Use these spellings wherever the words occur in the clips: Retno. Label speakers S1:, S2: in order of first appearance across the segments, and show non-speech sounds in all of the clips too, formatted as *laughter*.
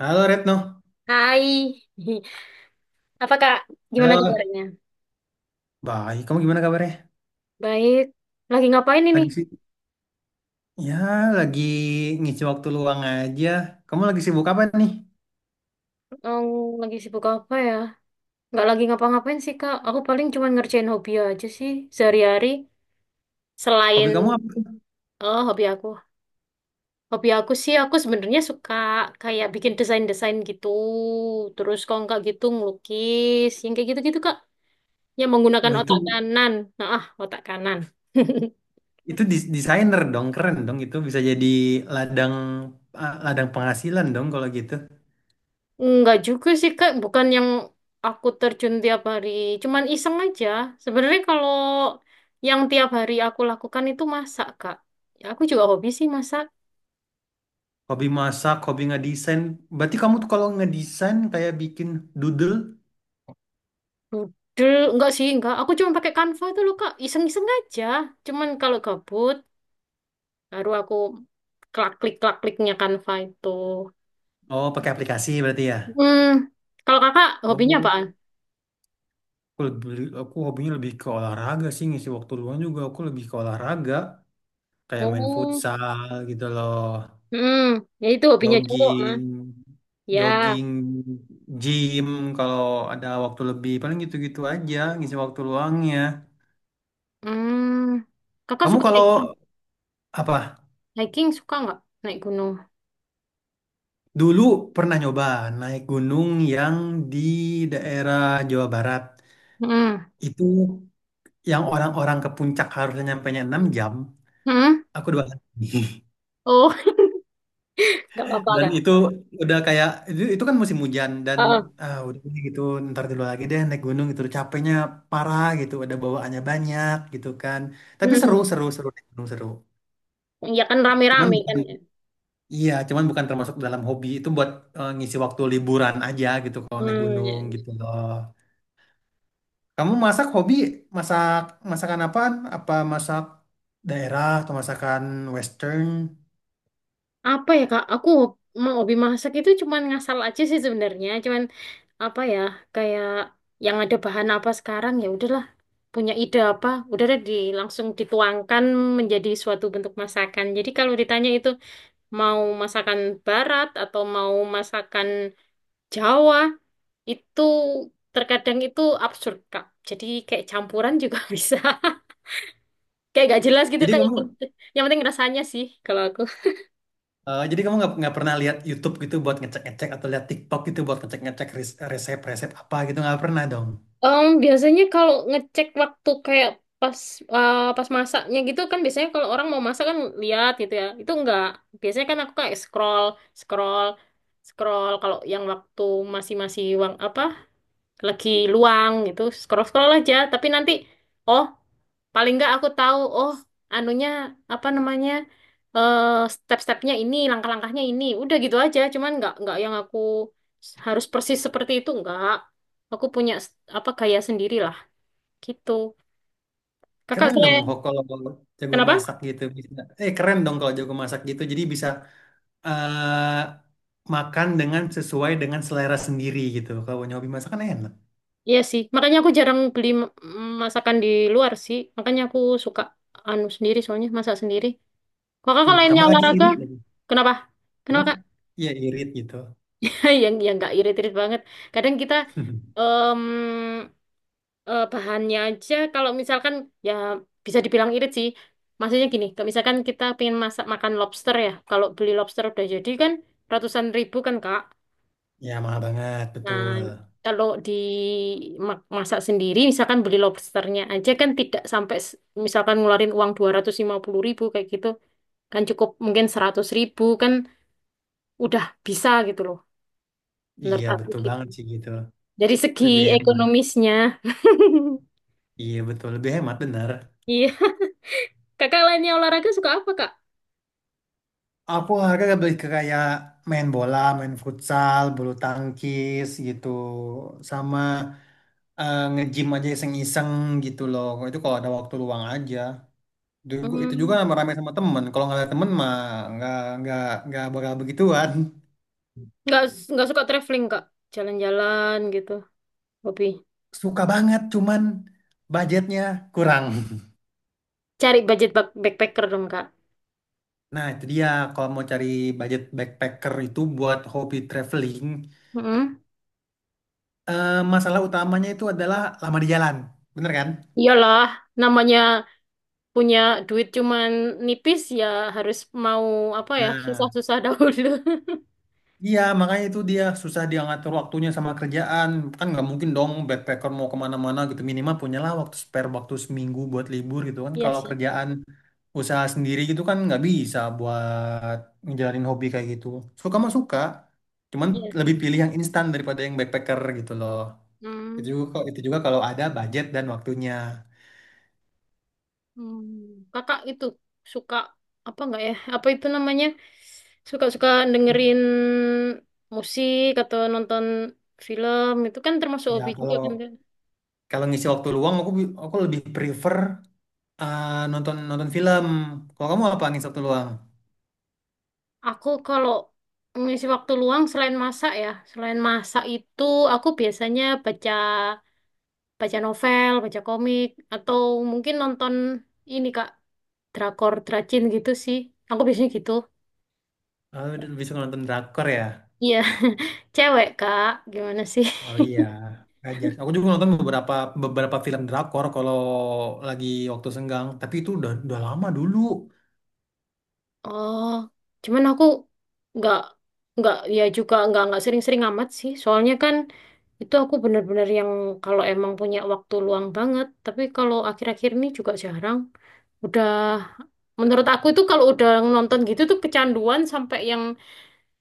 S1: Halo Retno.
S2: Hai, *laughs* apa kak? Gimana
S1: Halo.
S2: kabarnya?
S1: Baik, kamu gimana kabarnya?
S2: Baik. Lagi ngapain ini?
S1: Lagi sih? Ya, lagi ngisi waktu luang aja. Kamu lagi sibuk apa nih?
S2: Em, lagi sibuk apa ya? Nggak lagi ngapa-ngapain sih kak. Aku paling cuma ngerjain hobi aja sih sehari-hari. Selain
S1: Hobi kamu apa?
S2: oh, hobi aku sih aku sebenarnya suka kayak bikin desain-desain gitu. Terus kalau nggak gitu ngelukis, yang kayak gitu-gitu kak. Yang menggunakan
S1: Oh,
S2: otak
S1: itu
S2: kanan. Nah, otak kanan. *laughs*
S1: desainer dong, keren dong. Itu bisa jadi ladang ladang penghasilan dong kalau gitu.
S2: Enggak juga sih Kak, bukan yang aku terjun tiap hari, cuman iseng aja. Sebenarnya kalau yang tiap hari aku lakukan itu masak Kak. Ya, aku juga hobi sih masak.
S1: Hobi masak, hobi ngedesain. Berarti kamu tuh kalau ngedesain kayak bikin doodle,
S2: Dudel, enggak sih, enggak. Aku cuma pakai Canva itu loh Kak, iseng-iseng aja. Cuman kalau gabut, baru aku klak-klik-klak-kliknya Canva itu.
S1: oh pakai aplikasi berarti ya?
S2: Hmm, kalau Kakak hobinya
S1: Oh,
S2: apaan?
S1: aku lebih, aku hobinya lebih ke olahraga sih, ngisi waktu luang juga aku lebih ke olahraga. Kayak main
S2: Oh,
S1: futsal gitu loh,
S2: hmm, ya itu hobinya cowok. Ah.
S1: jogging,
S2: Ya,
S1: jogging, gym kalau ada waktu lebih, paling gitu-gitu aja ngisi waktu luangnya.
S2: hmm, Kakak
S1: Kamu
S2: suka
S1: kalau
S2: naik
S1: apa?
S2: hiking suka nggak naik gunung?
S1: Dulu pernah nyoba naik gunung yang di daerah Jawa Barat.
S2: Hmm.
S1: Itu yang orang-orang ke puncak harusnya nyampe 6 jam,
S2: Hmm.
S1: aku dua hari. *laughs*
S2: Oh, *laughs* nggak apa-apa
S1: Dan
S2: kan?
S1: itu udah kayak itu, kan musim hujan dan
S2: Heeh.
S1: udah deh gitu ntar dulu lagi deh naik gunung gitu capeknya parah gitu ada bawaannya banyak gitu kan. Tapi
S2: Hmm.
S1: seru seru seru naik gunung seru.
S2: Ya kan
S1: Cuman
S2: rame-rame
S1: bukan
S2: kan ya.
S1: iya cuman bukan termasuk dalam hobi itu buat ngisi waktu liburan aja gitu kalau naik
S2: Hmm. Ya,
S1: gunung gitu
S2: ya.
S1: loh. Kamu masak masakan apaan? Apa masak daerah atau masakan western?
S2: Apa ya Kak? Aku mau hobi masak itu cuman ngasal aja sih sebenarnya. Cuman apa ya? Kayak yang ada bahan apa sekarang ya udahlah. Punya ide apa? Udah deh langsung dituangkan menjadi suatu bentuk masakan. Jadi kalau ditanya itu mau masakan barat atau mau masakan Jawa, itu terkadang itu absurd, Kak. Jadi kayak campuran juga *laughs* bisa. Kayak gak jelas gitu,
S1: Jadi
S2: Kak.
S1: kamu
S2: Yang penting rasanya sih kalau aku.
S1: Jadi kamu nggak pernah lihat YouTube gitu buat ngecek-ngecek atau lihat TikTok gitu buat ngecek-ngecek resep-resep apa gitu nggak pernah dong.
S2: Biasanya kalau ngecek waktu kayak pas pas masaknya gitu kan biasanya kalau orang mau masak kan lihat gitu ya. Itu enggak. Biasanya kan aku kayak scroll, scroll, scroll kalau yang waktu masih-masih uang apa lagi luang gitu scroll scroll aja tapi nanti oh paling nggak aku tahu oh anunya apa namanya eh step-stepnya ini langkah-langkahnya ini udah gitu aja cuman nggak yang aku harus persis seperti itu nggak aku punya apa gaya sendiri lah gitu kakak saya
S1: Kalau jago
S2: kenapa.
S1: masak gitu bisa. Keren dong kalau jago masak gitu. Jadi bisa eh makan dengan sesuai dengan selera sendiri gitu. Kalau nyobi masak kan enak.
S2: Iya sih makanya aku jarang beli masakan di luar sih makanya aku suka anu sendiri soalnya masak sendiri kalau
S1: Tuh
S2: kakak lainnya
S1: tambah lagi
S2: olahraga
S1: irit lagi.
S2: kenapa kenapa
S1: Wah,
S2: Kak?
S1: Iya irit gitu.
S2: *laughs* Yang nggak irit-irit banget. Kadang kita
S1: *laughs*
S2: em, bahannya aja kalau misalkan ya bisa dibilang irit sih. Maksudnya gini, kalau misalkan kita pengen masak makan lobster ya, kalau beli lobster udah jadi kan ratusan ribu kan Kak.
S1: Ya mahal banget
S2: Nah,
S1: betul.
S2: kalau di masak sendiri misalkan beli lobsternya aja kan tidak sampai misalkan ngeluarin uang 250 ribu kayak gitu kan cukup mungkin 100 ribu kan udah bisa gitu loh menurut
S1: Iya
S2: aku
S1: betul
S2: gitu.
S1: banget sih gitu.
S2: Dari segi
S1: Lebih hemat.
S2: ekonomisnya. *laughs*
S1: Iya betul lebih hemat bener.
S2: Iya. Kakak lainnya olahraga suka apa, Kak?
S1: Aku harga lebih ke kayak main bola, main futsal, bulu tangkis gitu, sama nge-gym aja iseng-iseng gitu loh. Itu kalau ada waktu luang aja. Dulu- Itu juga
S2: Hmm,
S1: rame-rame sama temen. Kalau nggak ada temen mah nggak nggak nggak bakal begituan.
S2: nggak nggak suka traveling, Kak. Jalan-jalan gitu, hobi.
S1: Suka banget, cuman budgetnya kurang. *laughs*
S2: Cari budget backpacker dong, Kak.
S1: Nah, itu dia kalau mau cari budget backpacker itu buat hobi traveling.
S2: Mm-mm.
S1: Eh, masalah utamanya itu adalah lama di jalan, bener kan?
S2: Iyalah, namanya punya duit cuman nipis ya harus mau apa ya,
S1: Nah.
S2: susah-susah dahulu. *laughs*
S1: Iya, makanya itu dia susah dia ngatur waktunya sama kerjaan. Kan nggak mungkin dong backpacker mau kemana-mana gitu. Minimal punyalah waktu spare, waktu seminggu buat libur gitu kan.
S2: Iya
S1: Kalau
S2: sih.
S1: kerjaan usaha sendiri gitu kan nggak bisa buat ngejalanin hobi kayak gitu. Suka mah suka, cuman
S2: Iya
S1: lebih
S2: sih.
S1: pilih yang instan daripada yang backpacker gitu loh. Itu
S2: Hmm.
S1: juga, itu juga kalau ada budget dan waktunya.
S2: Hmm, kakak itu suka apa nggak ya? Apa itu namanya? Suka-suka dengerin musik atau nonton film itu kan termasuk
S1: Ya
S2: hobi juga kan
S1: kalau
S2: Kak?
S1: kalau ngisi waktu luang aku lebih prefer nonton nonton film. Kalau kamu apa ngisi waktu luang?
S2: Aku kalau mengisi waktu luang selain masak ya, selain masak itu aku biasanya baca baca novel, baca komik atau mungkin nonton ini Kak, drakor, dracin gitu sih. Aku biasanya gitu.
S1: Oh, dulu bisa nonton drakor ya?
S2: Iya, *laughs* cewek Kak, gimana sih?
S1: Oh iya,
S2: *laughs*
S1: ngajar. Aku juga nonton beberapa beberapa film drakor kalau lagi waktu senggang. Tapi itu udah lama dulu.
S2: Oh, cuman aku nggak nggak ya juga nggak sering-sering amat sih. Soalnya kan itu aku bener-bener yang kalau emang punya waktu luang banget. Tapi kalau akhir-akhir ini juga jarang. Udah menurut aku itu kalau udah nonton gitu tuh kecanduan sampai yang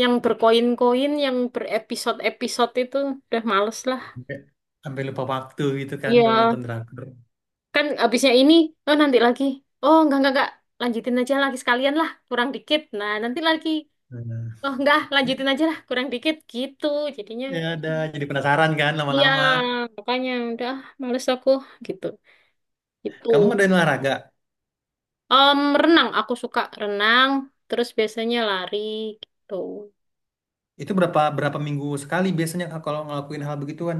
S2: berkoin-koin, yang berepisode-episode itu udah males lah.
S1: Sampai, sampai lupa waktu gitu kan
S2: Iya,
S1: kalau nonton drakor.
S2: kan abisnya ini, oh nanti lagi. Oh, enggak, lanjutin aja lagi sekalian lah, kurang dikit. Nah, nanti lagi.
S1: Nah,
S2: Oh enggak lanjutin aja lah kurang dikit gitu jadinya
S1: ya ada jadi penasaran kan
S2: iya
S1: lama-lama.
S2: makanya udah males aku gitu
S1: Kamu
S2: itu.
S1: ngadain olahraga?
S2: Renang aku suka renang terus biasanya lari gitu.
S1: Itu berapa berapa minggu sekali biasanya Kak, kalau ngelakuin hal begituan?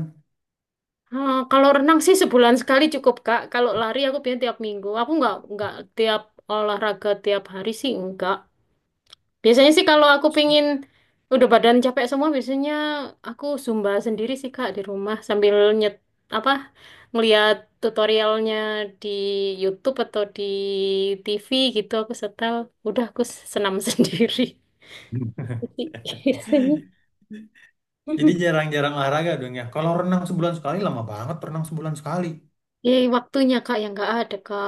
S2: Kalau renang sih sebulan sekali cukup Kak kalau lari aku biasanya tiap minggu aku nggak tiap olahraga tiap hari sih enggak biasanya sih kalau aku pingin udah badan capek semua biasanya aku zumba sendiri sih Kak di rumah sambil apa ngeliat tutorialnya di YouTube atau di TV gitu aku setel udah aku senam *laughs* sendiri. Jadi, biasanya
S1: *laughs* Jadi jarang-jarang olahraga dong ya. Kalau renang sebulan sekali lama banget renang sebulan sekali.
S2: ya waktunya kak yang nggak ada kak.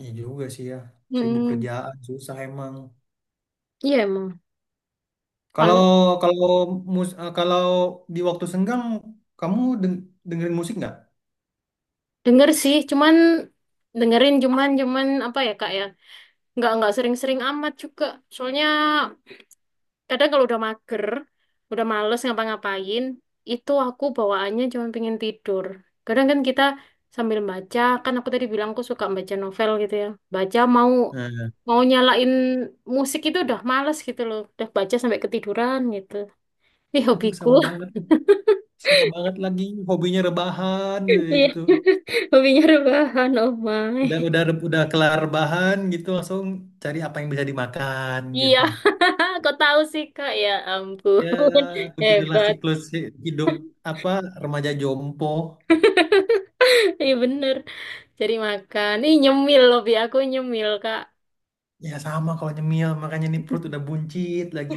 S1: Iya juga sih ya. Sibuk
S2: hmm
S1: kerjaan susah emang.
S2: iya emang
S1: Kalau
S2: kalau
S1: kalau mus eh, kalau di waktu senggang kamu dengerin musik nggak?
S2: denger sih cuman dengerin cuman cuman apa ya kak ya nggak sering-sering amat juga soalnya kadang kalau udah mager, udah males ngapa-ngapain, itu aku bawaannya cuma pengen tidur. Kadang kan kita sambil baca, kan aku tadi bilang aku suka baca novel gitu ya. Baca mau
S1: Nah,
S2: mau nyalain musik itu udah males gitu loh. Udah baca sampai ketiduran gitu. Ini
S1: Aduh
S2: hobiku.
S1: sama banget,
S2: *laughs*
S1: sama banget lagi hobinya rebahan
S2: Iya.
S1: itu.
S2: Hobinya rebahan, oh
S1: Udah
S2: my.
S1: udah udah kelar rebahan gitu langsung cari apa yang bisa dimakan
S2: Iya,
S1: gitu.
S2: *laughs* kok tahu sih Kak? Ya ampun,
S1: Ya
S2: *laughs*
S1: begitulah
S2: hebat.
S1: siklus hidup apa remaja jompo.
S2: *laughs* Iya bener. Cari makan. Ih nyemil lebih aku nyemil kak.
S1: Ya sama kalau nyemil makanya nih perut udah buncit lagi.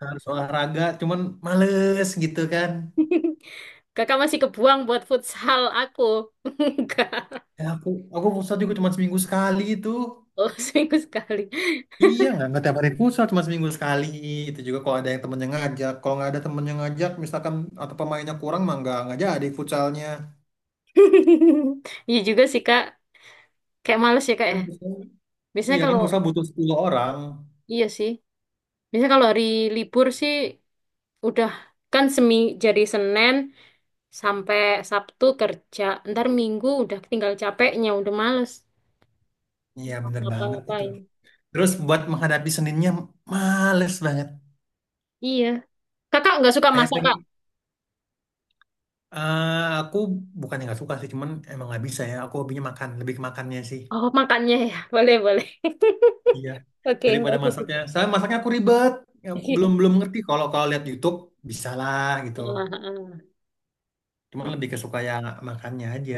S1: Harus olahraga cuman males gitu kan.
S2: *laughs* Kakak masih kebuang buat futsal aku. *laughs* Enggak.
S1: Ya aku pusat juga cuma seminggu sekali itu.
S2: Oh seminggu sekali.
S1: Iya, nggak tiap hari futsal, cuma seminggu sekali. Itu juga kalau ada yang temen yang ngajak. Kalau nggak ada temen yang ngajak, misalkan atau pemainnya kurang, mah nggak jadi futsalnya.
S2: *laughs* Iya juga sih kak. Kayak males ya kak ya.
S1: Kan futsal,
S2: Biasanya
S1: iya kan
S2: kalau.
S1: futsal butuh sepuluh orang.
S2: Iya sih. Biasanya kalau hari libur sih udah kan semi jadi Senin sampai Sabtu kerja. Ntar Minggu udah tinggal capeknya udah males.
S1: Iya,
S2: Mau
S1: bener banget itu.
S2: ngapa-ngapain.
S1: Terus buat menghadapi Seninnya, males banget.
S2: Iya. Kakak nggak suka
S1: Kayak
S2: masak,
S1: peng,
S2: Kak?
S1: aku bukannya nggak suka sih, cuman emang nggak bisa ya. Aku hobinya makan, lebih ke makannya sih.
S2: Oh, makannya ya. Boleh, boleh.
S1: Iya,
S2: *laughs* Oke,
S1: daripada
S2: bagus.
S1: masaknya. Saya masaknya aku ribet. Ya,
S2: Iya.
S1: belum belum ngerti. Kalau kalau lihat YouTube, bisa lah gitu.
S2: Ah, ah,
S1: Cuma
S2: ah.
S1: lebih kesuka yang makannya aja.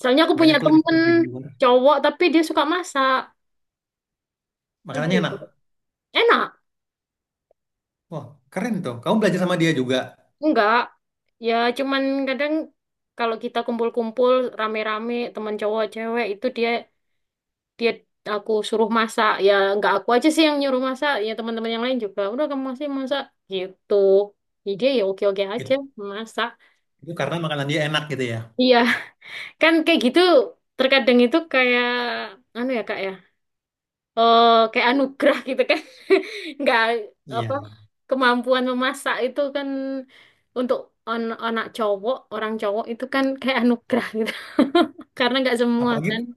S2: Soalnya aku
S1: Makanya
S2: punya
S1: aku lebih
S2: temen
S1: suka di luar.
S2: cowok, tapi dia suka masak.
S1: Makanannya enak.
S2: Aduh, enak?
S1: Wah, keren tuh. Kamu belajar sama dia juga.
S2: Enggak. Ya, cuman kadang kalau kita kumpul-kumpul rame-rame, teman cowok, cewek, itu dia dia aku suruh masak. Ya, enggak aku aja sih yang nyuruh masak. Ya, teman-teman yang lain juga. Udah, kamu masih masak. Gitu. Jadi dia ya oke-oke aja
S1: Gitu.
S2: masak.
S1: Itu karena makanan dia enak gitu ya.
S2: Iya, kan kayak gitu terkadang itu kayak anu ya Kak ya. Oh, kayak anugerah gitu kan. *laughs* Nggak apa
S1: Iya.
S2: kemampuan memasak itu kan untuk anak cowok, orang cowok itu kan kayak anugerah gitu. *laughs* Karena nggak semua kan.
S1: Apalagi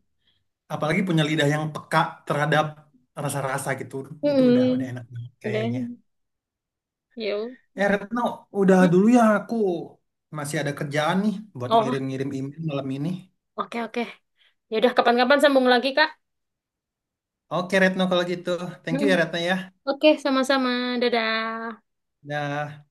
S1: apalagi punya lidah yang peka terhadap rasa-rasa gitu. Itu udah
S2: Mm-mm.
S1: enak banget
S2: Udah.
S1: kayaknya.
S2: Yuk.
S1: Eh Retno, udah
S2: Hmm.
S1: dulu ya aku masih ada kerjaan nih buat
S2: Oh,
S1: ngirim-ngirim email malam ini.
S2: oke oke. Ya udah kapan-kapan sambung lagi Kak.
S1: Oke Retno kalau gitu. Thank you
S2: Mm.
S1: ya Retno ya.
S2: Oke, sama-sama. Dadah.
S1: Dah.